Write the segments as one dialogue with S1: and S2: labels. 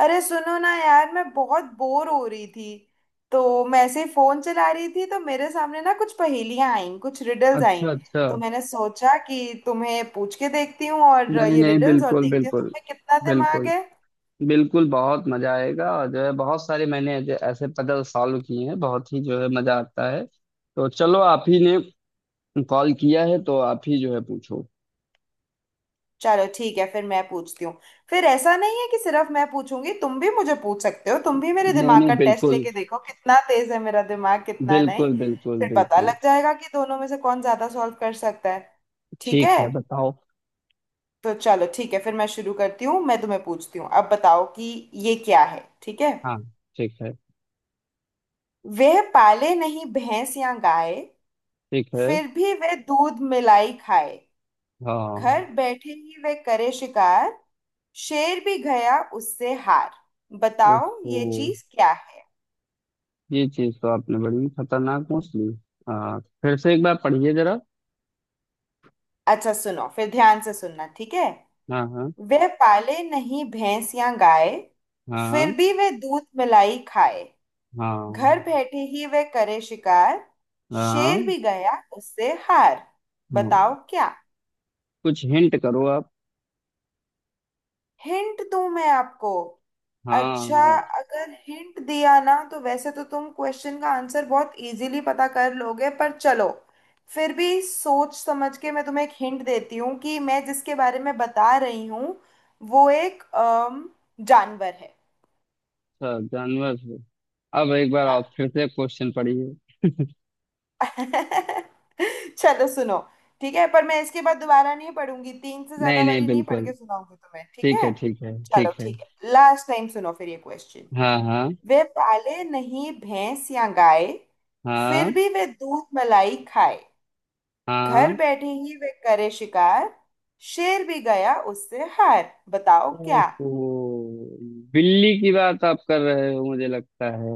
S1: अरे सुनो ना यार, मैं बहुत बोर हो रही थी तो मैं ऐसे ही फोन चला रही थी। तो मेरे सामने ना कुछ पहेलियां आईं, कुछ रिडल्स आईं।
S2: अच्छा अच्छा।
S1: तो मैंने सोचा कि तुम्हें पूछ के देखती हूँ और
S2: नहीं
S1: ये
S2: नहीं,
S1: रिडल्स और
S2: बिल्कुल
S1: देखती हूँ तो
S2: बिल्कुल।
S1: तुम्हें कितना दिमाग
S2: बिल्कुल।
S1: है।
S2: बिल्कुल बहुत मजा आएगा और जो है बहुत सारे मैंने ऐसे ऐसे पजल सॉल्व किए हैं, बहुत ही जो है मजा आता है। तो चलो, आप ही ने कॉल किया है तो आप ही जो है पूछो।
S1: चलो ठीक है, फिर मैं पूछती हूँ। फिर ऐसा नहीं है कि सिर्फ मैं पूछूंगी, तुम भी मुझे पूछ सकते हो। तुम भी मेरे
S2: नहीं
S1: दिमाग का
S2: नहीं,
S1: टेस्ट
S2: बिल्कुल।
S1: लेके देखो कितना तेज है मेरा दिमाग, कितना नहीं।
S2: बिल्कुल बिल्कुल
S1: फिर पता
S2: बिल्कुल।
S1: लग जाएगा कि दोनों में से कौन ज्यादा सॉल्व कर सकता है। ठीक
S2: ठीक
S1: है,
S2: है बताओ।
S1: तो चलो ठीक है, फिर मैं शुरू करती हूँ। मैं तुम्हें पूछती हूँ, अब बताओ कि ये क्या है, ठीक है।
S2: हाँ। ठीक है।
S1: वह पाले नहीं भैंस या गाय,
S2: ठीक है।
S1: फिर भी वह दूध मिलाई खाए।
S2: हाँ।
S1: घर बैठे ही वह करे शिकार, शेर भी गया उससे हार। बताओ ये
S2: ओहो,
S1: चीज क्या है।
S2: ये चीज तो आपने बड़ी खतरनाक पूछ ली। हाँ, फिर से एक बार पढ़िए जरा।
S1: अच्छा सुनो, फिर ध्यान से सुनना, ठीक है।
S2: हाँ हाँ।
S1: वह पाले नहीं भैंस या गाय, फिर
S2: हाँ।
S1: भी वह दूध मिलाई खाए। घर
S2: हाँ।
S1: बैठे ही वह करे शिकार, शेर
S2: हाँ।
S1: भी गया उससे हार।
S2: हाँ
S1: बताओ क्या।
S2: कुछ हिंट करो आप।
S1: हिंट दूं मैं आपको?
S2: हाँ
S1: अच्छा,
S2: हाँ।
S1: अगर हिंट दिया ना तो वैसे तो तुम क्वेश्चन का आंसर बहुत इजीली पता कर लोगे, पर चलो, फिर भी सोच समझ के मैं तुम्हें एक हिंट देती हूँ कि मैं जिसके बारे में बता रही हूँ वो एक जानवर है।
S2: अच्छा, जानवर से अब एक बार
S1: हाँ।
S2: आप फिर से क्वेश्चन पढ़िए।
S1: चलो सुनो, ठीक है, पर मैं इसके बाद दोबारा नहीं पढ़ूंगी। तीन से
S2: नहीं
S1: ज्यादा
S2: नहीं,
S1: बारी नहीं पढ़
S2: बिल्कुल।
S1: के सुनाऊंगी तुम्हें, ठीक
S2: ठीक
S1: है।
S2: है ठीक है
S1: चलो
S2: ठीक है।
S1: ठीक है, लास्ट टाइम सुनो फिर ये क्वेश्चन।
S2: हाँ हाँ।
S1: वे पाले नहीं भैंस या गाय,
S2: हाँ।
S1: फिर भी वे दूध मलाई खाए। घर
S2: हाँ।
S1: बैठे ही वे करे शिकार, शेर भी गया उससे हार। बताओ क्या।
S2: ओहो, बिल्ली की बात आप कर रहे हो मुझे लगता है।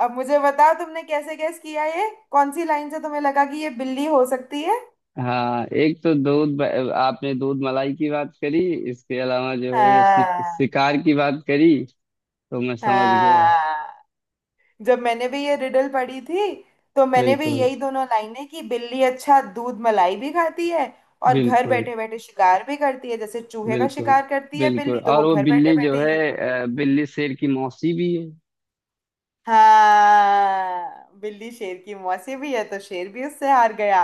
S1: अब मुझे बताओ तुमने कैसे गैस किया, ये कौन सी लाइन से तुम्हें लगा कि ये बिल्ली हो सकती है?
S2: हाँ, एक तो दूध आपने दूध मलाई की बात करी। इसके अलावा जो है
S1: हाँ।
S2: शिकार की बात करी तो मैं समझ गया।
S1: हाँ। जब मैंने भी ये रिडल पढ़ी थी तो मैंने भी
S2: बिल्कुल
S1: यही दोनों लाइनें, कि बिल्ली अच्छा दूध मलाई भी खाती है और घर
S2: बिल्कुल।
S1: बैठे बैठे शिकार भी करती है, जैसे चूहे का
S2: बिल्कुल।
S1: शिकार करती है
S2: बिल्कुल
S1: बिल्ली, तो
S2: और
S1: वो
S2: वो
S1: घर बैठे
S2: बिल्ली जो
S1: बैठे ही
S2: है
S1: करती है।
S2: बिल्ली शेर की मौसी भी है।
S1: हाँ, बिल्ली शेर की मौसी भी है, तो शेर भी उससे हार गया।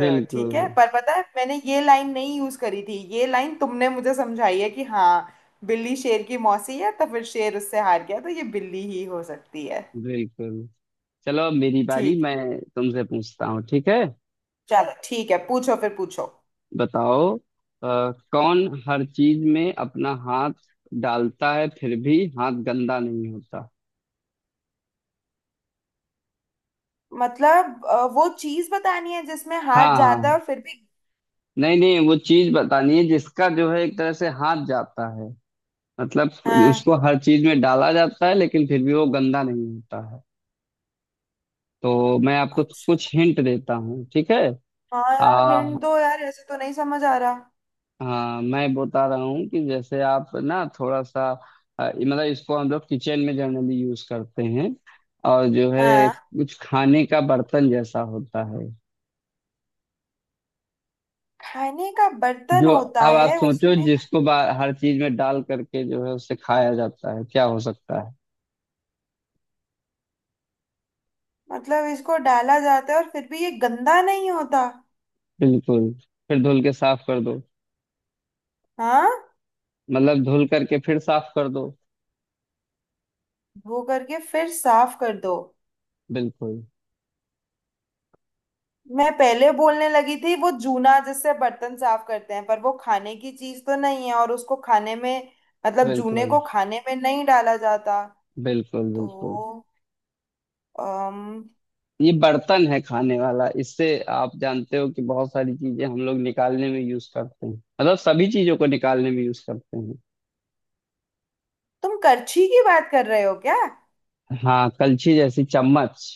S1: तो ठीक है, पर पता है मैंने ये लाइन नहीं यूज करी थी, ये लाइन तुमने मुझे समझाई है कि हाँ, बिल्ली शेर की मौसी है तो फिर शेर उससे हार गया, तो ये बिल्ली ही हो सकती है।
S2: बिल्कुल चलो अब मेरी बारी,
S1: ठीक,
S2: मैं तुमसे पूछता हूँ ठीक है।
S1: चलो ठीक है, पूछो, फिर पूछो।
S2: बताओ, कौन हर चीज में अपना हाथ डालता है फिर भी हाथ गंदा नहीं होता।
S1: मतलब वो चीज बतानी है जिसमें हाथ
S2: हाँ
S1: जाता
S2: हाँ।
S1: है और फिर भी।
S2: नहीं नहीं, वो चीज बतानी है जिसका जो है एक तरह से हाथ जाता है, मतलब
S1: हाँ।
S2: उसको हर चीज में डाला जाता है लेकिन फिर भी वो गंदा नहीं होता है। तो मैं आपको
S1: अच्छा,
S2: कुछ हिंट देता हूँ ठीक है।
S1: हाँ यार,
S2: आ,
S1: हिंट दो यार, ऐसे तो नहीं समझ आ रहा।
S2: हाँ मैं बता रहा हूँ कि जैसे आप ना थोड़ा सा मतलब इसको हम लोग किचन में जनरली यूज करते हैं और जो है
S1: हाँ,
S2: कुछ खाने का बर्तन जैसा होता है।
S1: खाने का बर्तन
S2: जो,
S1: होता
S2: अब आप
S1: है
S2: सोचो,
S1: उसमें।
S2: जिसको हर चीज में डाल करके जो है उसे खाया जाता है क्या हो सकता है।
S1: मतलब इसको डाला जाता है और फिर भी ये गंदा नहीं होता।
S2: बिल्कुल, फिर धुल के साफ कर दो,
S1: हाँ।
S2: मतलब धुल करके फिर साफ कर दो।
S1: धो करके फिर साफ कर दो।
S2: बिल्कुल
S1: मैं पहले बोलने लगी थी वो जूना, जिससे बर्तन साफ करते हैं, पर वो खाने की चीज तो नहीं है और उसको खाने में, मतलब जूने
S2: बिल्कुल।
S1: को खाने में नहीं डाला जाता।
S2: बिल्कुल। बिल्कुल
S1: तो
S2: ये बर्तन है खाने वाला। इससे आप जानते हो कि बहुत सारी चीजें हम लोग निकालने में यूज करते हैं, मतलब सभी चीजों को निकालने में यूज करते हैं।
S1: तुम करछी की बात कर रहे हो क्या?
S2: हाँ, कलछी जैसी चम्मच।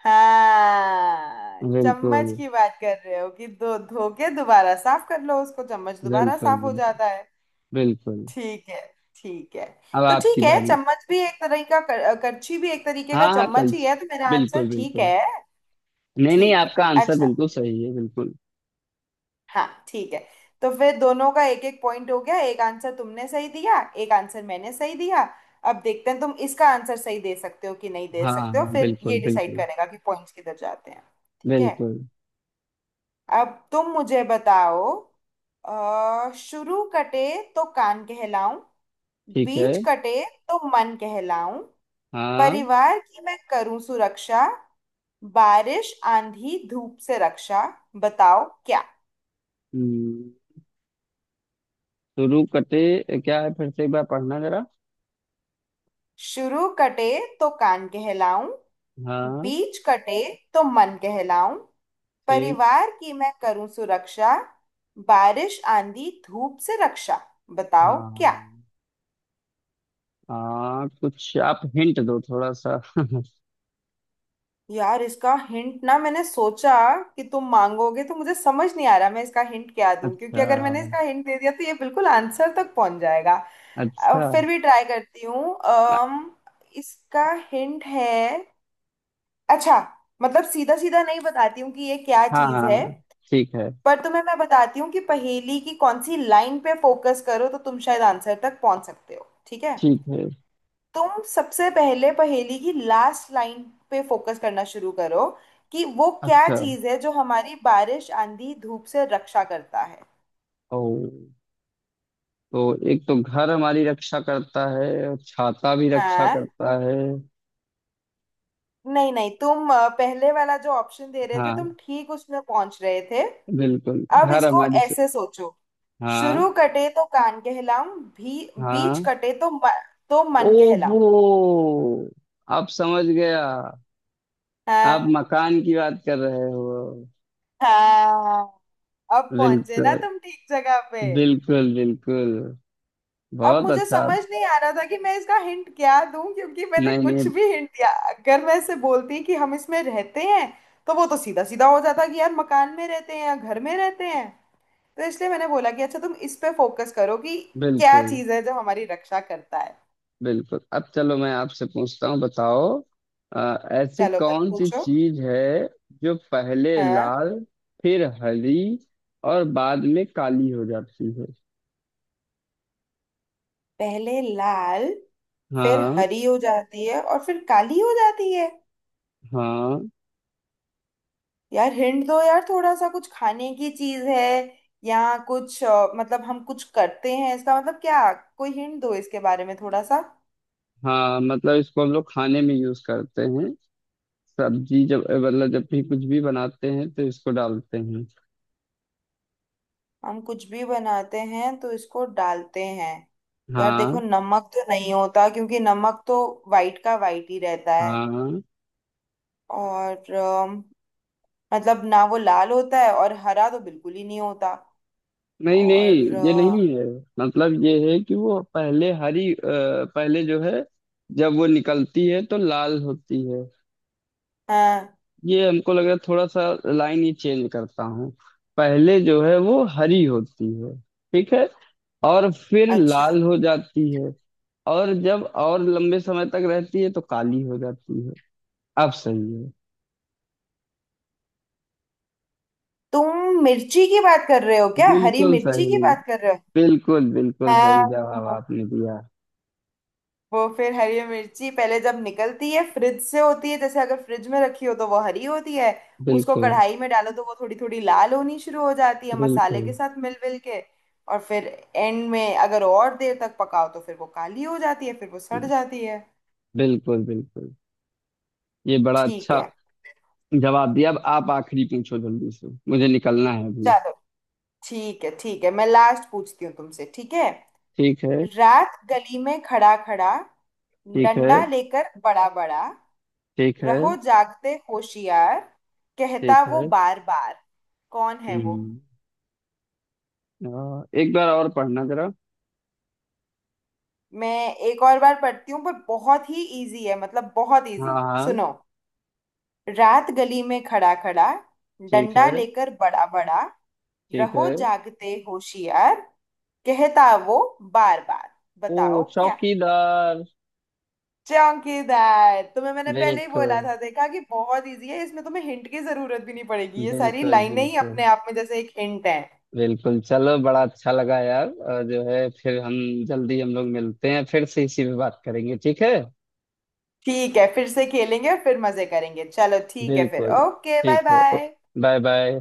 S1: हाँ,
S2: बिल्कुल
S1: चम्मच की बात कर रहे हो कि धो धो के दोबारा साफ कर लो उसको, चम्मच दोबारा
S2: बिल्कुल।
S1: साफ हो
S2: बिल्कुल।
S1: जाता है।
S2: बिल्कुल।
S1: ठीक है। ठीक है।
S2: अब
S1: तो
S2: आपकी
S1: ठीक है,
S2: बारी।
S1: चम्मच भी एक तरह का करछी भी एक तरीके का
S2: हाँ हाँ,
S1: चम्मच ही
S2: कलछी।
S1: है तो मेरा आंसर
S2: बिल्कुल
S1: ठीक
S2: बिल्कुल।
S1: है।
S2: नहीं नहीं,
S1: ठीक है।
S2: आपका आंसर
S1: अच्छा।
S2: बिल्कुल सही है बिल्कुल।
S1: हाँ ठीक है। तो फिर दोनों का एक एक पॉइंट हो गया, एक आंसर तुमने सही दिया, एक आंसर मैंने सही दिया। अब देखते हैं तुम इसका आंसर सही दे सकते हो कि नहीं दे
S2: हाँ
S1: सकते हो,
S2: हाँ,
S1: फिर ये
S2: बिल्कुल
S1: डिसाइड
S2: बिल्कुल
S1: करेगा कि पॉइंट्स किधर जाते हैं। ठीक है।
S2: बिल्कुल।
S1: अब तुम मुझे बताओ। शुरू कटे तो कान कहलाऊं,
S2: ठीक
S1: बीच
S2: है।
S1: कटे तो मन कहलाऊं।
S2: हाँ।
S1: परिवार की मैं करूं सुरक्षा, बारिश आंधी धूप से रक्षा। बताओ क्या।
S2: हम्म, शुरू कटे क्या है, फिर से एक बार पढ़ना जरा।
S1: शुरू कटे तो कान कहलाऊं,
S2: हाँ।
S1: बीच कटे तो मन कहलाऊं।
S2: ठीक।
S1: परिवार की मैं करूं सुरक्षा, बारिश आंधी धूप से रक्षा।
S2: हाँ
S1: बताओ
S2: हाँ,
S1: क्या।
S2: हाँ। हाँ, कुछ आप हिंट दो थोड़ा सा
S1: यार इसका हिंट ना मैंने सोचा कि तुम मांगोगे, तो मुझे समझ नहीं आ रहा मैं इसका हिंट क्या दूं, क्योंकि
S2: अच्छा।
S1: अगर मैंने इसका हिंट दे दिया तो ये बिल्कुल आंसर तक पहुंच जाएगा।
S2: अच्छा।
S1: फिर भी ट्राई करती हूँ। इसका हिंट है, अच्छा, मतलब सीधा सीधा नहीं बताती हूँ कि ये क्या
S2: हाँ
S1: चीज़ है,
S2: हाँ। ठीक है।
S1: पर तुम्हें मैं बताती हूँ कि पहेली की कौन सी लाइन पे फोकस करो तो तुम शायद आंसर तक पहुंच सकते हो, ठीक है।
S2: ठीक है।
S1: तुम सबसे पहले पहेली की लास्ट लाइन पे फोकस करना शुरू करो, कि वो क्या
S2: अच्छा।
S1: चीज है जो हमारी बारिश आंधी धूप से रक्षा करता है।
S2: ओ, तो एक तो घर हमारी रक्षा करता है और छाता भी रक्षा
S1: हाँ।
S2: करता है।
S1: नहीं नहीं, तुम पहले वाला जो ऑप्शन दे रहे थे तुम
S2: हाँ,
S1: ठीक उसमें पहुंच रहे थे।
S2: बिल्कुल
S1: अब
S2: घर
S1: इसको
S2: हमारी
S1: ऐसे सोचो, शुरू
S2: हाँ।
S1: कटे तो कान कहलाऊं भी, बीच
S2: हाँ।
S1: कटे तो तो मन कहलाऊं।
S2: ओहो, आप समझ गया। आप
S1: हाँ।
S2: मकान की बात कर रहे हो।
S1: हाँ। अब पहुंचे ना
S2: बिल्कुल।
S1: तुम ठीक जगह पे।
S2: बिल्कुल बिल्कुल।
S1: अब
S2: बहुत
S1: मुझे
S2: अच्छा।
S1: समझ नहीं आ रहा था कि मैं इसका हिंट क्या दूं, क्योंकि मैंने
S2: नहीं
S1: कुछ
S2: नहीं।
S1: भी हिंट दिया, अगर मैं ऐसे बोलती कि हम इसमें रहते हैं, तो वो तो सीधा सीधा हो जाता कि यार मकान में रहते हैं या घर में रहते हैं। तो इसलिए मैंने बोला कि अच्छा तुम इस पे फोकस करो कि क्या
S2: बिल्कुल।
S1: चीज है जो हमारी रक्षा करता है।
S2: बिल्कुल अब चलो मैं आपसे पूछता हूँ। बताओ, ऐसी
S1: चलो मत
S2: कौन सी
S1: पूछो।
S2: चीज है जो पहले
S1: हाँ।
S2: लाल, फिर हरी और बाद में काली हो जाती है।
S1: पहले लाल, फिर
S2: हाँ।
S1: हरी हो जाती है और फिर काली हो जाती है।
S2: हाँ।
S1: यार हिंट दो यार थोड़ा सा, कुछ खाने की चीज है या कुछ मतलब हम कुछ करते हैं इसका मतलब क्या? कोई हिंट दो इसके बारे में थोड़ा सा।
S2: हाँ, मतलब इसको हम लोग खाने में यूज करते हैं। सब्जी जब, मतलब जब भी कुछ भी बनाते हैं तो इसको डालते हैं।
S1: हम कुछ भी बनाते हैं तो इसको डालते हैं? यार
S2: हाँ।
S1: देखो, नमक तो नहीं होता, क्योंकि नमक तो वाइट का वाइट ही रहता है
S2: हाँ।
S1: और मतलब ना वो लाल होता है और हरा तो बिल्कुल ही नहीं होता
S2: नहीं नहीं,
S1: और
S2: ये नहीं है। मतलब ये है कि वो पहले हरी पहले जो है जब वो निकलती है तो लाल होती है,
S1: हाँ।
S2: ये हमको लग रहा है थोड़ा सा। लाइन ही चेंज करता हूँ। पहले जो है वो हरी होती है, ठीक है, और फिर
S1: अच्छा,
S2: लाल हो जाती है, और जब और लंबे समय तक रहती है तो काली हो जाती है, अब सही है।
S1: तुम मिर्ची की बात कर रहे हो क्या, हरी
S2: बिल्कुल
S1: मिर्ची
S2: सही,
S1: की बात कर रहे हो?
S2: बिल्कुल बिल्कुल
S1: हाँ,
S2: सही जवाब आपने दिया।
S1: वो फिर हरी मिर्ची पहले जब निकलती है फ्रिज से होती है, जैसे अगर फ्रिज में रखी हो तो वो हरी होती है। उसको
S2: बिल्कुल
S1: कढ़ाई में डालो तो वो थोड़ी थोड़ी लाल होनी शुरू हो जाती है मसाले
S2: बिल्कुल
S1: के साथ मिल मिल के। और फिर एंड में अगर और देर तक पकाओ तो फिर वो काली हो जाती है, फिर वो सड़ जाती है।
S2: बिल्कुल। बिल्कुल ये बड़ा
S1: ठीक
S2: अच्छा
S1: है।
S2: जवाब दिया। अब आप आखिरी पूछो, जल्दी से मुझे निकलना है अभी।
S1: चलो ठीक है, ठीक है, मैं लास्ट पूछती हूँ तुमसे, ठीक है।
S2: ठीक है।
S1: रात गली में खड़ा खड़ा,
S2: ठीक है
S1: डंडा लेकर बड़ा बड़ा,
S2: ठीक है
S1: रहो जागते होशियार,
S2: ठीक
S1: कहता वो
S2: है।
S1: बार बार। कौन है वो?
S2: हम्म। हाँ, एक बार और पढ़ना जरा।
S1: मैं एक और बार पढ़ती हूँ, पर बहुत ही इजी है, मतलब बहुत
S2: हाँ।
S1: इजी।
S2: हाँ।
S1: सुनो। रात गली में खड़ा खड़ा,
S2: ठीक
S1: डंडा
S2: है।
S1: लेकर बड़ा बड़ा,
S2: ठीक
S1: रहो
S2: है।
S1: जागते होशियार, कहता वो बार बार।
S2: ओ,
S1: बताओ क्या।
S2: चौकीदार।
S1: चौकीदार, तुम्हें मैंने पहले ही बोला
S2: बिल्कुल।
S1: था देखा कि बहुत इजी है, इसमें तुम्हें हिंट की जरूरत भी नहीं पड़ेगी, ये सारी
S2: बिल्कुल
S1: लाइनें ही
S2: बिल्कुल।
S1: अपने आप में जैसे एक हिंट है।
S2: बिल्कुल चलो बड़ा अच्छा लगा यार, और जो है फिर हम जल्दी हम लोग मिलते हैं फिर से इसी पे बात करेंगे ठीक है।
S1: ठीक है, फिर से खेलेंगे और फिर मजे करेंगे। चलो ठीक है फिर,
S2: बिल्कुल।
S1: ओके, बाय
S2: ठीक है।
S1: बाय।
S2: Bye bye.